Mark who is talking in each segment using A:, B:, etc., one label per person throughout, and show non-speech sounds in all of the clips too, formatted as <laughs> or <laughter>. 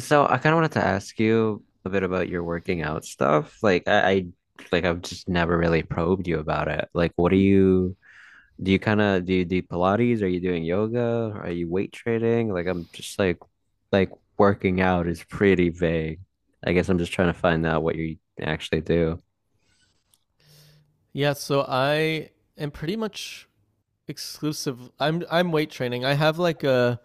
A: So I kind of wanted to ask you a bit about your working out stuff. Like I like I've just never really probed you about it. Like what do you kind of do you do Pilates? Are you doing yoga? Are you weight training? Like I'm just like working out is pretty vague. I guess I'm just trying to find out what you actually do.
B: Yeah, so I am pretty much exclusive. I'm weight training. I have like a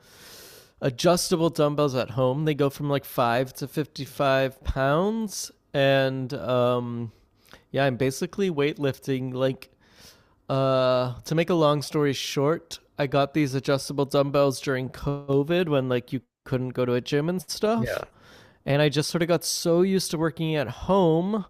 B: adjustable dumbbells at home. They go from like 5 to 55 pounds, and yeah, I'm basically weightlifting. Like, to make a long story short, I got these adjustable dumbbells during COVID when like you couldn't go to a gym and
A: Yeah.
B: stuff, and I just sort of got so used to working at home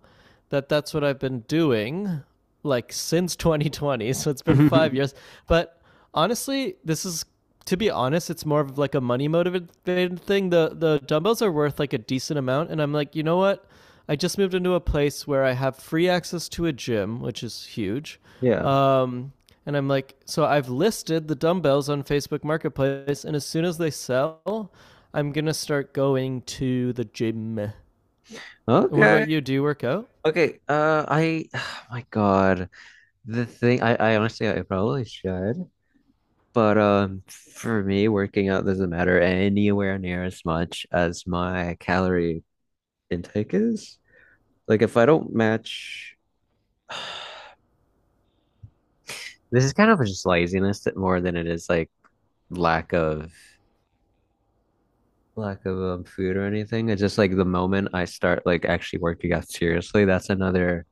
B: that that's what I've been doing like since <laughs> 2020. So it's been 5 years.
A: <laughs>
B: But honestly, this is to be honest, it's more of like a money motivated thing. The dumbbells are worth like a decent amount, and I'm like, you know what? I just moved into a place where I have free access to a gym, which is huge.
A: Yeah.
B: Um, and I'm like, so I've listed the dumbbells on Facebook Marketplace, and as soon as they sell, I'm gonna start going to the gym. And what
A: Okay.
B: about you? Do you work out?
A: Okay, <sighs> my God, the thing, I honestly, I probably should, but for me, working out doesn't matter anywhere near as much as my calorie intake is. Like, if I don't match, <sighs> this is kind of just laziness that more than it is like lack of lack of food or anything. It's just like the moment I start like actually working out seriously, that's another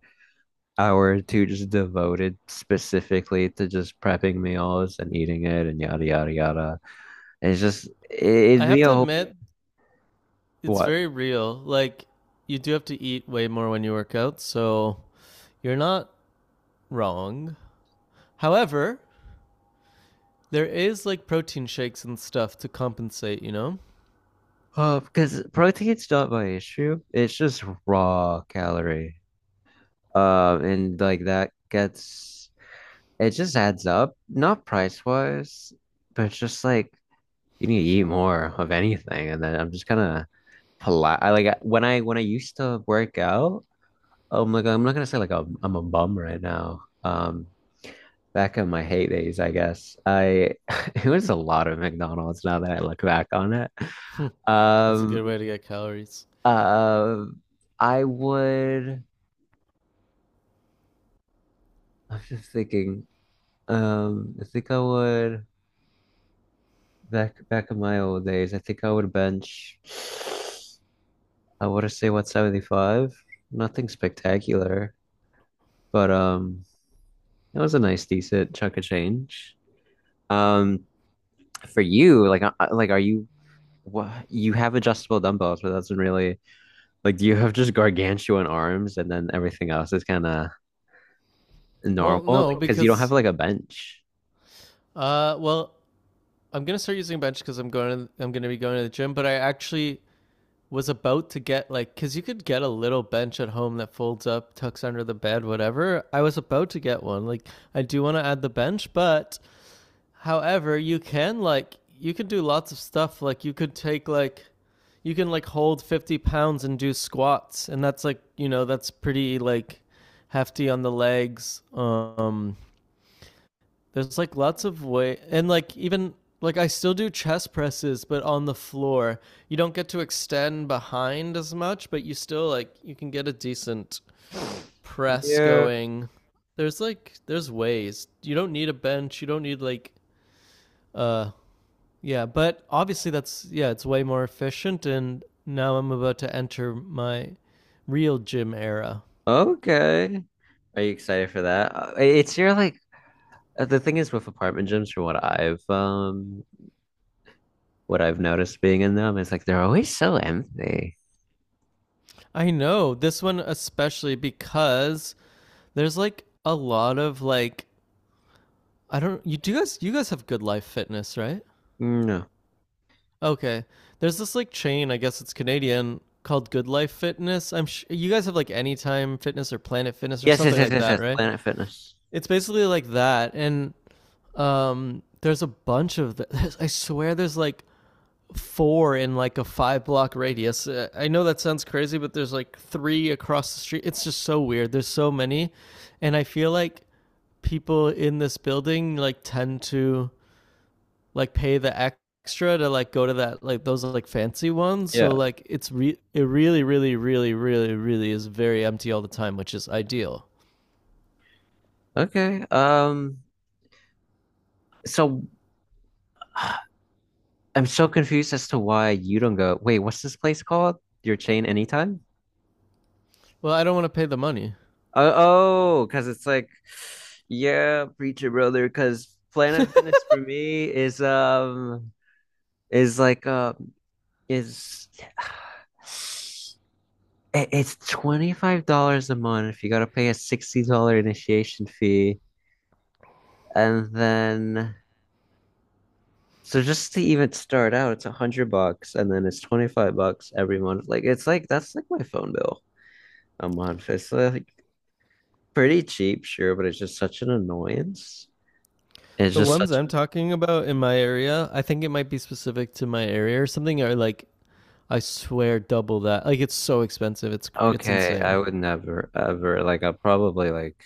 A: hour or two just devoted specifically to just prepping meals and eating it and yada yada yada. It's just
B: I
A: it'd be
B: have to
A: a whole—
B: admit, it's
A: what?
B: very real. Like, you do have to eat way more when you work out, so you're not wrong. However, there is like protein shakes and stuff to compensate, you know?
A: Because protein's not my issue. It's just raw calorie. And like that gets it just adds up, not price wise, but it's just like you need to eat more of anything. And then I'm just kind of polite. I like when I used to work out. I'm like I'm not gonna say like I'm a bum right now. Back in my heydays, I guess. I <laughs> it was a lot of McDonald's now that I look back on it.
B: That's a
A: Um,
B: good way to get calories.
A: uh, I would. I'm just thinking. I think I would back in my old days. I think I would bench. I want to say 175. Nothing spectacular, but it was a nice, decent chunk of change. Um, for you, like, like, are you what you have adjustable dumbbells, but that's really— like, do you have just gargantuan arms and then everything else is kind of
B: Well,
A: normal?
B: no,
A: Like, because you don't have
B: because
A: like a bench.
B: well, I'm going to start using a bench cuz I'm going to be going to the gym, but I actually was about to get like cuz you could get a little bench at home that folds up, tucks under the bed, whatever. I was about to get one. Like I do want to add the bench, but however, you can like you can do lots of stuff. Like you could take like you can like hold 50 pounds and do squats, and that's like you know that's pretty like hefty on the legs. There's like lots of way, and like even like I still do chest presses, but on the floor. You don't get to extend behind as much, but you still like you can get a decent press
A: Yeah.
B: going. There's like there's ways. You don't need a bench. You don't need like uh yeah, but obviously that's yeah, it's way more efficient, and now I'm about to enter my real gym era.
A: Okay. Are you excited for that? It's your like the thing is with apartment gyms, from what I've noticed being in them is like they're always so empty.
B: I know, this one especially because there's like a lot of like I don't you guys you guys have Good Life Fitness, right?
A: No.
B: Okay. There's this like chain, I guess it's Canadian, called Good Life Fitness. I'm sh- you guys have like Anytime Fitness or Planet Fitness or
A: Yes, yes,
B: something
A: yes,
B: like
A: yes,
B: that,
A: yes.
B: right?
A: Planet Fitness.
B: It's basically like that, and there's a bunch of th- <laughs> I swear there's like four in like a five block radius. I know that sounds crazy, but there's like three across the street. It's just so weird. There's so many. And I feel like people in this building like tend to like pay the extra to like go to that like those like fancy ones. So
A: Yeah.
B: like it's re- it really really really really really is very empty all the time, which is ideal.
A: Okay. So <sighs> I'm so confused as to why you don't go. Wait, what's this place called? Your chain anytime?
B: Well, I don't want to pay the money.
A: Oh, because it's like, yeah, preacher brother. Because Planet Fitness for me is like um is <sighs> it's $25 a month. You gotta pay a $60 initiation fee, and then so just to even start out, it's 100 bucks, and then it's 25 bucks every month. Like it's like that's like my phone bill a month. It's like pretty cheap, sure, but it's just such an annoyance. It's
B: The
A: just— oh,
B: ones
A: such—
B: I'm talking about in my area, I think it might be specific to my area or something, are like I swear, double that. Like it's so expensive. It's
A: okay, I
B: insane.
A: would never ever like I probably like,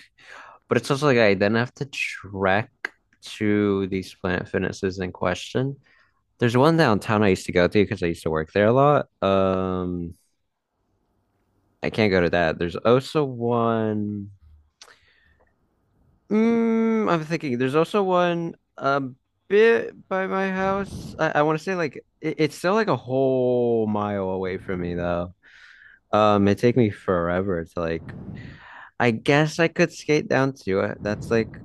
A: but it's also like I then have to trek to these Planet Fitnesses in question. There's one downtown I used to go to because I used to work there a lot. I can't go to that. There's also one— I'm thinking there's also one a bit by my house. I want to say like it's still like a whole mile away from me though. It take me forever to like— I guess I could skate down to it. That's like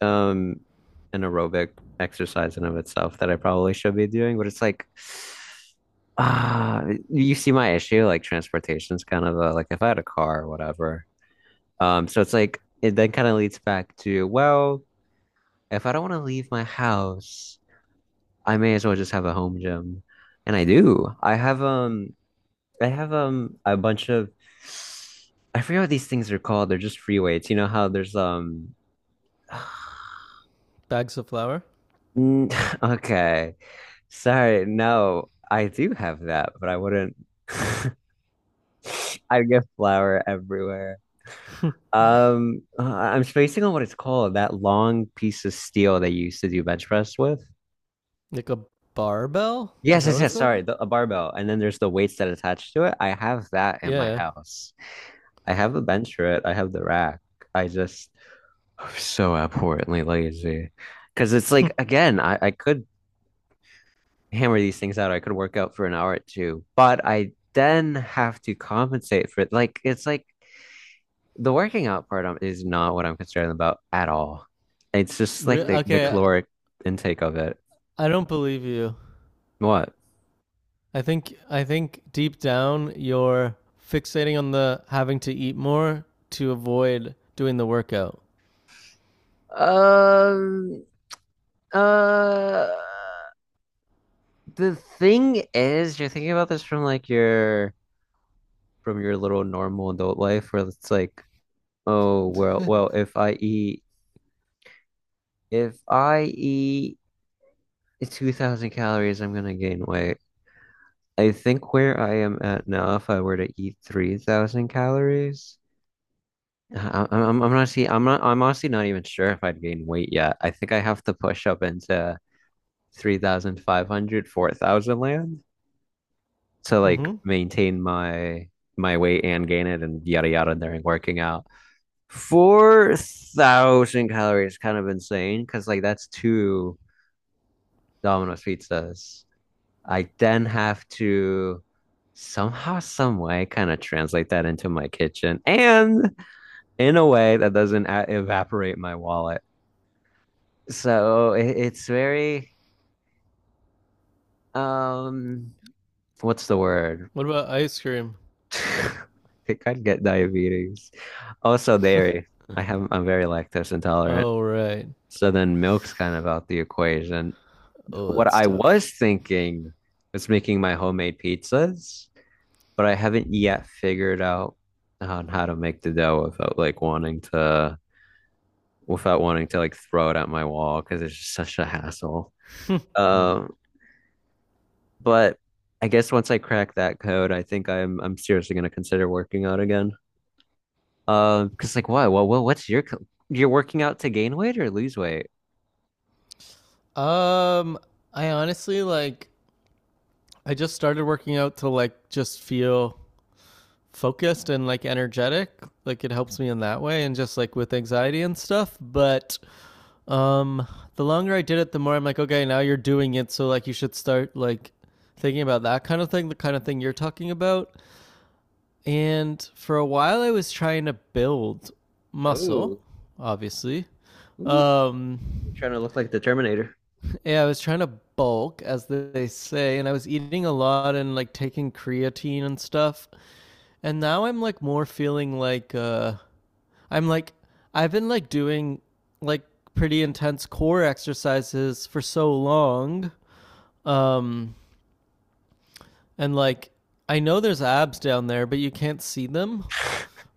A: um an aerobic exercise in of itself that I probably should be doing, but it's like <sighs> ah, you see my issue, like transportation's kind of a— like if I had a car or whatever. So it's like it then kind of leads back to, well, if I don't want to leave my house, I may as well just have a home gym. And I do. I have a bunch of— I forget what these things are called. They're just free weights. You know how there's <sighs>
B: Bags of flour,
A: mm, <laughs> okay. Sorry. No, I do have that, but I wouldn't. <laughs> I get flour everywhere. I'm spacing on what it's called, that long piece of steel that you used to do bench press with.
B: like a barbell. Is
A: Yes,
B: that
A: yes,
B: what it's
A: yes.
B: called?
A: Sorry, a barbell. And then there's the weights that attach to it. I have that in my
B: Yeah.
A: house. I have a bench for it. I have the rack. I just <sighs> I'm so abhorrently lazy. Because it's like, again, I could hammer these things out. I could work out for an hour or two, but I then have to compensate for it. Like it's like the working out part is not what I'm concerned about at all. It's just like
B: <laughs>
A: the— okay,
B: Okay,
A: caloric intake of it.
B: I don't believe you.
A: What?
B: I think deep down you're fixating on the having to eat more to avoid doing the workout.
A: Um, uh, the thing is, you're thinking about this from like your from your little normal adult life where it's like, oh well, well, if I eat 2000 calories, I'm gonna gain weight. I think where I am at now, if I were to eat 3,000 calories, I'm honestly, I'm honestly not even sure if I'd gain weight yet. I think I have to push up into 3,500, 4,000 land to like
B: Mm-hmm.
A: maintain my weight and gain it and yada yada during working out. 4,000 calories, kind of insane because like that's two Domino's pizzas. I then have to somehow, some way, kind of translate that into my kitchen and in a way that doesn't a- evaporate my wallet. So it's very, um, what's the word?
B: What about ice cream?
A: <laughs> I think I'd get diabetes. Also, dairy. I'm very lactose intolerant.
B: Oh right.
A: So then milk's kind of out the equation.
B: Oh,
A: What
B: that's
A: I
B: tough.
A: was thinking was making my homemade pizzas, but I haven't yet figured out on how to make the dough without like wanting to without wanting to like throw it at my wall because it's just such a hassle. Um, but I guess once I crack that code, I think I'm seriously gonna consider working out again. Because like why? Well, well, what's your co- you're working out to gain weight or lose weight?
B: Um, I honestly like. I just started working out to like just feel focused and like energetic, like it helps me in that way and just like with anxiety and stuff, but um the longer I did it, the more I'm like okay, now you're doing it, so like you should start like thinking about that kind of thing, the kind of thing you're talking about, and for a while I was trying to build
A: Oh,
B: muscle obviously. um
A: trying to look like the Terminator.
B: yeah, I was trying to bulk, as they say, and I was eating a lot and like taking creatine and stuff, and now I'm like more feeling like I'm like, I've been like doing like pretty intense core exercises for so long. Um, and like, I know there's abs down there, but you can't see them.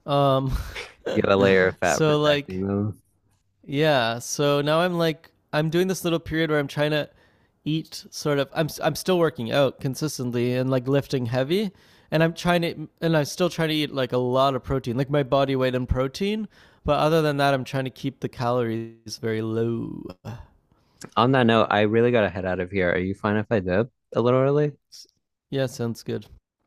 B: Um,
A: You got a layer of
B: <laughs>
A: fat
B: so like,
A: protecting them.
B: yeah, so now I'm like I'm doing this little period where I'm trying to eat sort of I'm still working out consistently and like lifting heavy, and I'm still trying to eat like a lot of protein, like my body weight in protein, but other than that I'm trying to keep the calories very low.
A: On that note, I really gotta head out of here. Are you fine if I dip a little early?
B: Yeah, sounds good.